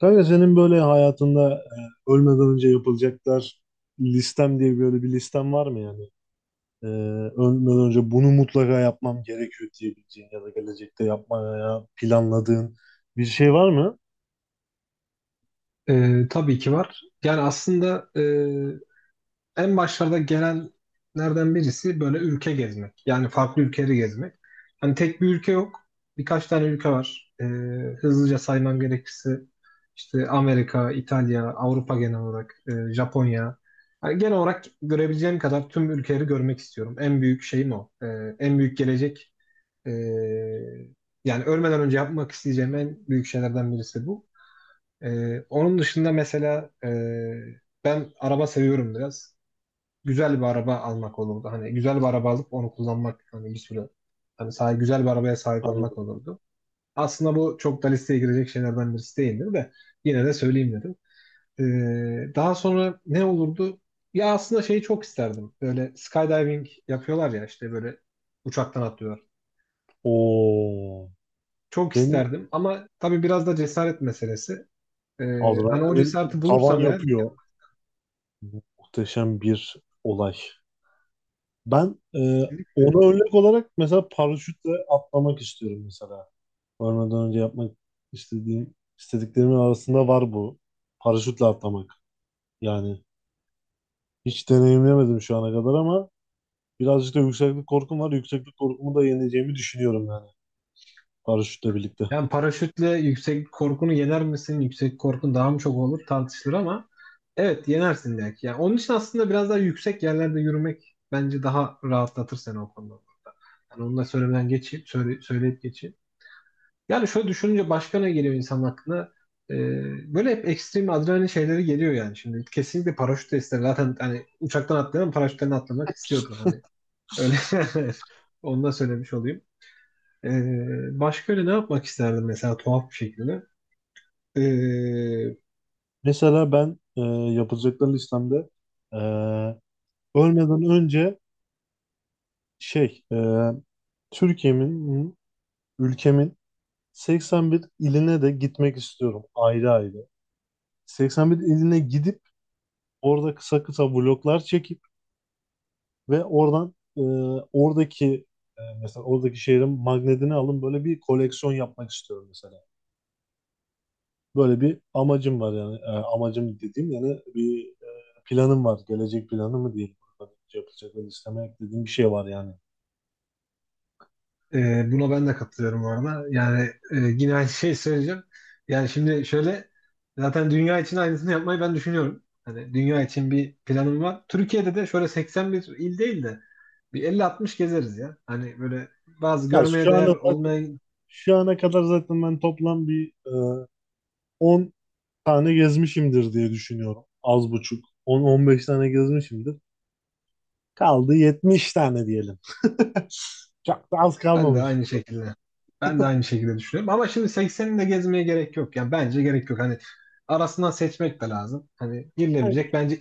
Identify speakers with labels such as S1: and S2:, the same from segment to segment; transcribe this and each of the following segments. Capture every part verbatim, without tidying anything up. S1: Kanka senin böyle hayatında e, ölmeden önce yapılacaklar listem diye böyle bir listem var mı yani? E, Ölmeden önce bunu mutlaka yapmam gerekiyor diyebileceğin ya da gelecekte yapmaya planladığın bir şey var mı?
S2: Ee, tabii ki var. Yani aslında e, en başlarda gelenlerden birisi böyle ülke gezmek. Yani farklı ülkeleri gezmek. Hani tek bir ülke yok. Birkaç tane ülke var. Ee, hızlıca saymam gerekirse işte Amerika, İtalya, Avrupa genel olarak, e, Japonya. Hani genel olarak görebileceğim kadar tüm ülkeleri görmek istiyorum. En büyük şeyim o. Ee, en büyük gelecek. e, Yani ölmeden önce yapmak isteyeceğim en büyük şeylerden birisi bu. Ee, onun dışında mesela e, ben araba seviyorum biraz. Güzel bir araba almak olurdu. Hani güzel bir araba alıp onu kullanmak hani bir süre hani sahip, güzel bir arabaya sahip olmak
S1: Anladım.
S2: olurdu. Aslında bu çok da listeye girecek şeylerden birisi değildir de yine de söyleyeyim dedim. Ee, daha sonra ne olurdu? Ya aslında şeyi çok isterdim. Böyle skydiving yapıyorlar ya işte böyle uçaktan atlıyorlar.
S1: Oo,
S2: Çok
S1: benim
S2: isterdim ama tabii biraz da cesaret meselesi. Ee, hani o
S1: adrenalin
S2: cesareti
S1: tavan
S2: bulursam eğer,
S1: yapıyor. Muhteşem bir olay. Ben e, ona örnek olarak mesela paraşütle atlamak istiyorum mesela. Varmadan önce yapmak istediğim, istediklerimin arasında var bu. Paraşütle atlamak. Yani hiç deneyimlemedim şu ana kadar ama birazcık da yükseklik korkum var. Yükseklik korkumu da yeneceğimi düşünüyorum yani, paraşütle birlikte.
S2: yani paraşütle yüksek korkunu yener misin? Yüksek korkun daha mı çok olur tartışılır ama evet yenersin belki. Yani onun için aslında biraz daha yüksek yerlerde yürümek bence daha rahatlatır seni o konuda. Yani onu da söylemeden geçeyim, söyle, söyleyip geçeyim. Yani şöyle düşününce başka ne geliyor insan aklına? Ee, böyle hep ekstrem adrenalin şeyleri geliyor yani. Şimdi kesinlikle paraşüt de ister. Zaten hani uçaktan atlayan paraşütten atlamak istiyordur hani. Öyle onu da söylemiş olayım. Ee, başka öyle ne yapmak isterdim mesela tuhaf bir şekilde? Ee,
S1: Mesela ben e, yapılacaklar listemde e, ölmeden önce şey e, Türkiye'min, ülkemin seksen bir iline de gitmek istiyorum ayrı ayrı. seksen bir iline gidip orada kısa kısa vloglar çekip ve oradan e, oradaki e, mesela oradaki şehrin magnetini alın, böyle bir koleksiyon yapmak istiyorum mesela. Böyle bir amacım var yani. E, amacım dediğim yani bir e, planım var. Gelecek planı mı diyeyim. Yapılacak ve listeme eklediğim bir şey var yani.
S2: e, Buna ben de katılıyorum bu arada. Yani e, yine aynı şeyi söyleyeceğim. Yani şimdi şöyle, zaten dünya için aynısını yapmayı ben düşünüyorum. Hani dünya için bir planım var. Türkiye'de de şöyle seksen bir il değil de bir elli altmış gezeriz ya. Hani böyle bazı
S1: Ya
S2: görmeye
S1: şu an
S2: değer
S1: olarak,
S2: olmayan,
S1: şu ana kadar zaten ben toplam bir e, on tane gezmişimdir diye düşünüyorum. Az buçuk, on on beş tane gezmişimdir. Kaldı yetmiş tane diyelim. Çok da az
S2: ben de
S1: kalmamış.
S2: aynı şekilde ben de aynı şekilde düşünüyorum. Ama şimdi sekseninini de gezmeye gerek yok. Yani bence gerek yok. Hani arasından seçmek de lazım. Hani
S1: Yani,
S2: girilebilecek bence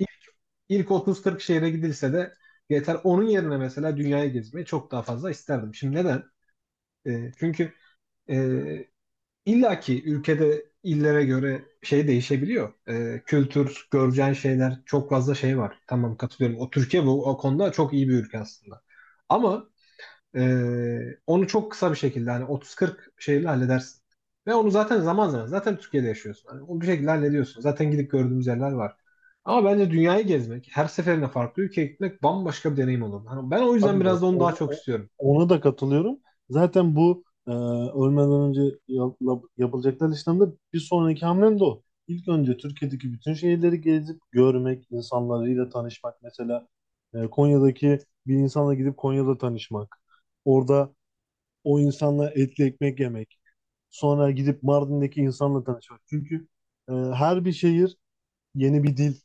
S2: İlk otuz kırk şehre gidilse de yeter. Onun yerine mesela dünyayı gezmeyi çok daha fazla isterdim. Şimdi neden? E, çünkü e, illaki ülkede illere göre şey değişebiliyor. E, kültür, göreceğin şeyler çok fazla şey var. Tamam katılıyorum. O Türkiye bu o konuda çok iyi bir ülke aslında. Ama ee, onu çok kısa bir şekilde hani otuz kırk şeyle halledersin. Ve onu zaten zaman zaman zaten Türkiye'de yaşıyorsun. Hani onu bir şekilde hallediyorsun. Zaten gidip gördüğümüz yerler var. Ama bence dünyayı gezmek, her seferinde farklı ülkeye gitmek bambaşka bir deneyim olur. Hani ben o yüzden
S1: tabii
S2: biraz
S1: bak
S2: da onu daha
S1: o-
S2: çok
S1: o-
S2: istiyorum.
S1: ona da katılıyorum. Zaten bu e, ölmeden önce yap- yapılacaklar listemde bir sonraki hamlem de o. İlk önce Türkiye'deki bütün şehirleri gezip görmek, insanlarıyla tanışmak. Mesela e, Konya'daki bir insanla gidip Konya'da tanışmak. Orada o insanla etli ekmek yemek. Sonra gidip Mardin'deki insanla tanışmak. Çünkü e, her bir şehir yeni bir dil,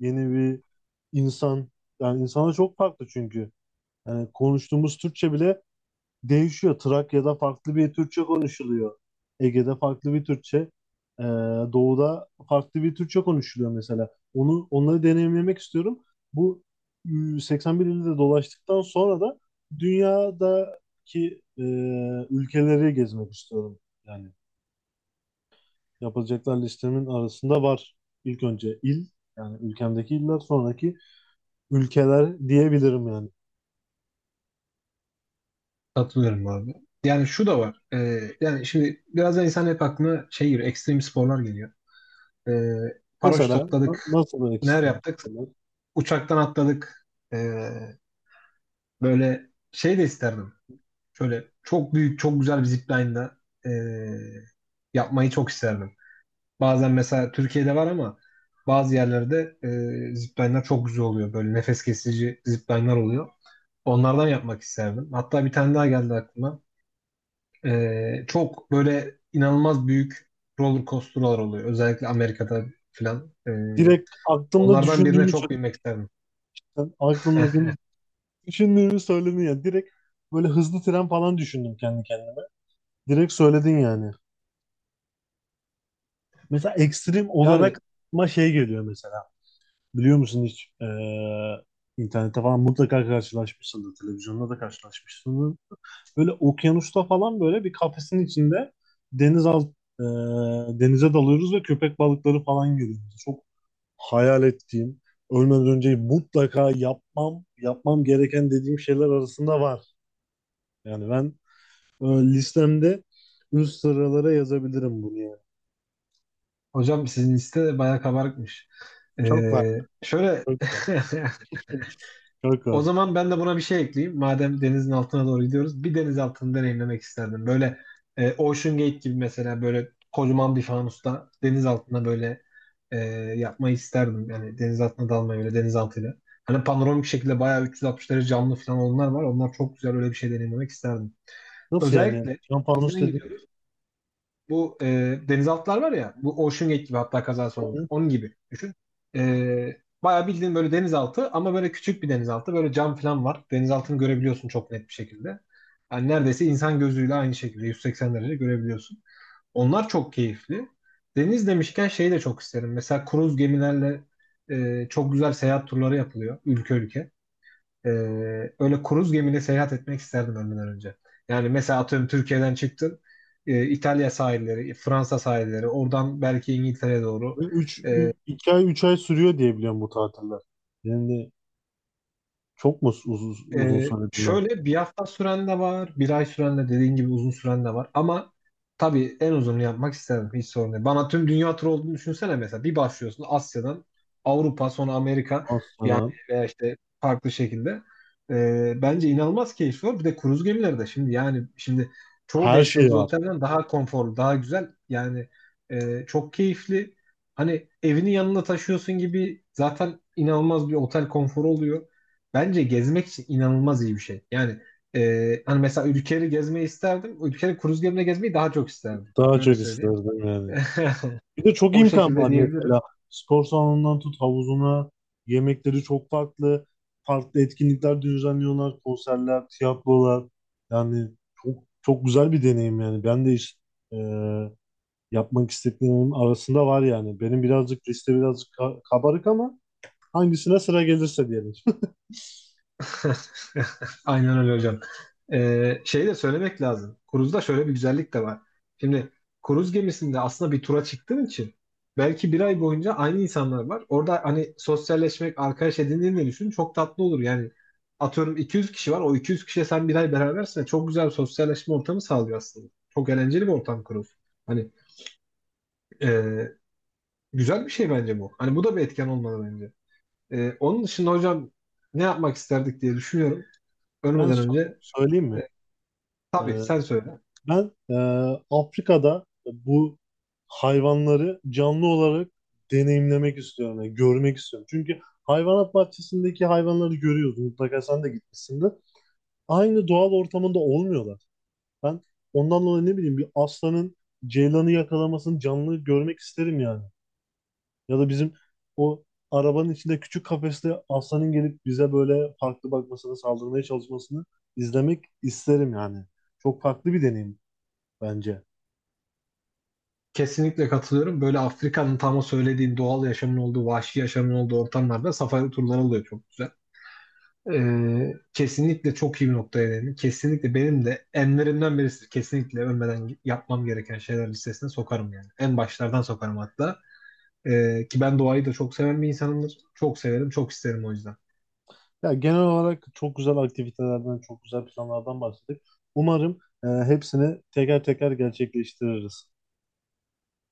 S1: yeni bir insan. Yani insana çok farklı çünkü. Yani konuştuğumuz Türkçe bile değişiyor. Trakya'da farklı bir Türkçe konuşuluyor. Ege'de farklı bir Türkçe. Ee, Doğuda farklı bir Türkçe konuşuluyor mesela. Onu onları deneyimlemek istiyorum. Bu e, seksen bir ilde dolaştıktan sonra da dünyadaki e, ülkeleri gezmek istiyorum. Yani yapılacaklar listemin arasında var. İlk önce il, yani ülkemdeki iller, sonraki ülkeler diyebilirim yani.
S2: Katılıyorum abi. Yani şu da var. Ee, yani şimdi biraz da insan hep aklına şey geliyor, ekstrem sporlar geliyor. Ee, Paraşüt
S1: Mesela na-
S2: atladık,
S1: nasıl örnek
S2: neler
S1: isterim?
S2: yaptık? Uçaktan atladık. Ee, Böyle şey de isterdim. Şöyle çok büyük, çok güzel bir zipline'la eee, yapmayı çok isterdim. Bazen mesela Türkiye'de var ama bazı yerlerde eee zipline'lar çok güzel oluyor. Böyle nefes kesici zipline'lar oluyor. Onlardan yapmak isterdim. Hatta bir tane daha geldi aklıma. Eee, çok böyle inanılmaz büyük roller coaster'lar oluyor. Özellikle Amerika'da filan. Eee,
S1: Direkt aklımda
S2: onlardan birine
S1: düşündüğümü,
S2: çok binmek isterdim.
S1: sen aklımdakini düşündüğünü söyledin ya. Direkt böyle hızlı tren falan düşündüm kendi kendime. Direkt söyledin yani. Mesela ekstrem
S2: Yani
S1: olarak ma şey geliyor mesela. Biliyor musun hiç? Ee, internette falan mutlaka karşılaşmışsındır. Televizyonda da karşılaşmışsındır. Böyle okyanusta falan böyle bir kafesin içinde deniz alt, e, denize dalıyoruz ve köpek balıkları falan görüyoruz. Çok hayal ettiğim, ölmeden önce mutlaka yapmam, yapmam gereken dediğim şeyler arasında var. Yani ben e, listemde üst sıralara yazabilirim bunu yani.
S2: hocam sizin liste de bayağı kabarıkmış.
S1: Çok var.
S2: Ee, şöyle
S1: Çok var. Çok
S2: o
S1: var.
S2: zaman ben de buna bir şey ekleyeyim. Madem denizin altına doğru gidiyoruz, bir deniz altını deneyimlemek isterdim. Böyle e, Ocean Gate gibi mesela böyle kocaman bir fanusta deniz altına böyle e, yapmayı isterdim. Yani deniz altına dalmayı öyle deniz altıyla. Hani panoramik şekilde bayağı üç yüz altmış derece camlı falan olanlar var. Onlar çok güzel, öyle bir şey deneyimlemek isterdim.
S1: Nasıl yani?
S2: Özellikle
S1: Şampanus
S2: denizden
S1: dediğimiz
S2: gidiyoruz. Bu e, denizaltılar var ya bu Ocean Gate gibi, hatta kazası olmuş.
S1: tatil
S2: Onun gibi düşün. E, bayağı bildiğin böyle denizaltı ama böyle küçük bir denizaltı. Böyle cam falan var. Denizaltını görebiliyorsun çok net bir şekilde. Yani neredeyse insan gözüyle aynı şekilde yüz seksen derece görebiliyorsun. Onlar çok keyifli. Deniz demişken şeyi de çok isterim. Mesela kruz gemilerle e, çok güzel seyahat turları yapılıyor ülke ülke. Ee, Öyle kruz gemiyle seyahat etmek isterdim ölmeden önce. Yani mesela atıyorum Türkiye'den çıktın, e, İtalya sahilleri, Fransa sahilleri, oradan belki İngiltere'ye doğru.
S1: ve üç
S2: e,
S1: iki ay üç ay sürüyor diye biliyorum bu tatiller. Yani çok mu uz- uz- uzun,
S2: Ee,
S1: söyledim ben?
S2: Şöyle bir hafta süren de var, bir ay süren de dediğin gibi uzun süren de var. Ama tabii en uzununu yapmak isterim. Hiç sorun değil. Bana tüm dünya turu olduğunu düşünsene mesela. Bir başlıyorsun Asya'dan Avrupa sonra Amerika yani,
S1: Asla.
S2: veya işte farklı şekilde. Ee, bence inanılmaz keyifli olur. Bir de kruz gemileri de şimdi yani şimdi çoğu
S1: Her
S2: beş
S1: şey
S2: yıldız
S1: var.
S2: otelden daha konforlu, daha güzel. Yani e, çok keyifli. Hani evini yanına taşıyorsun gibi, zaten inanılmaz bir otel konforu oluyor. Bence gezmek için inanılmaz iyi bir şey. Yani e, hani mesela ülkeleri gezmeyi isterdim. Ülkeleri kruz gemine gezmeyi daha çok isterdim.
S1: Daha
S2: Öyle
S1: çok
S2: söyleyeyim.
S1: isterdim yani. Bir de çok
S2: O
S1: imkan
S2: şekilde
S1: var
S2: diyebilirim.
S1: mesela. Spor salonundan tut havuzuna, yemekleri çok farklı. Farklı etkinlikler düzenliyorlar, konserler, tiyatrolar. Yani çok çok güzel bir deneyim yani. Ben de iş e, yapmak istediklerimin arasında var yani. Benim birazcık liste birazcık ka- kabarık ama hangisine sıra gelirse diyelim.
S2: Aynen öyle hocam. Ee, şeyi de söylemek lazım. Cruise'da şöyle bir güzellik de var. Şimdi kruz gemisinde aslında bir tura çıktığın için belki bir ay boyunca aynı insanlar var. Orada hani sosyalleşmek, arkadaş edindiğini düşün. Çok tatlı olur. Yani atıyorum iki yüz kişi var. O iki yüz kişiye sen bir ay berabersin. Ve çok güzel bir sosyalleşme ortamı sağlıyor aslında. Çok eğlenceli bir ortam kruz. Hani e, güzel bir şey bence bu. Hani bu da bir etken olmalı bence. E, onun dışında hocam ne yapmak isterdik diye düşünüyorum.
S1: Ben
S2: Ölmeden
S1: so-
S2: önce.
S1: söyleyeyim
S2: e,
S1: mi? E,
S2: Tabii sen söyle.
S1: Ben e, Afrika'da bu hayvanları canlı olarak deneyimlemek istiyorum, yani görmek istiyorum. Çünkü hayvanat bahçesindeki hayvanları görüyoruz. Mutlaka sen de gitmişsindir. Aynı doğal ortamında olmuyorlar. Ben ondan dolayı, ne bileyim, bir aslanın ceylanı yakalamasını canlı görmek isterim yani. Ya da bizim o arabanın içinde küçük kafeste aslanın gelip bize böyle farklı bakmasını, saldırmaya çalışmasını izlemek isterim yani. Çok farklı bir deneyim bence.
S2: Kesinlikle katılıyorum. Böyle Afrika'nın tam o söylediğin doğal yaşamın olduğu, vahşi yaşamın olduğu ortamlarda safari turları oluyor çok güzel. Ee, kesinlikle çok iyi bir noktaya değindin. Kesinlikle benim de enlerimden birisi. Kesinlikle ölmeden yapmam gereken şeyler listesine sokarım yani. En başlardan sokarım hatta. Ee, ki ben doğayı da çok seven bir insanımdır. Çok severim, çok isterim o yüzden.
S1: Ya genel olarak çok güzel aktivitelerden, çok güzel planlardan bahsettik. Umarım e, hepsini teker teker gerçekleştiririz.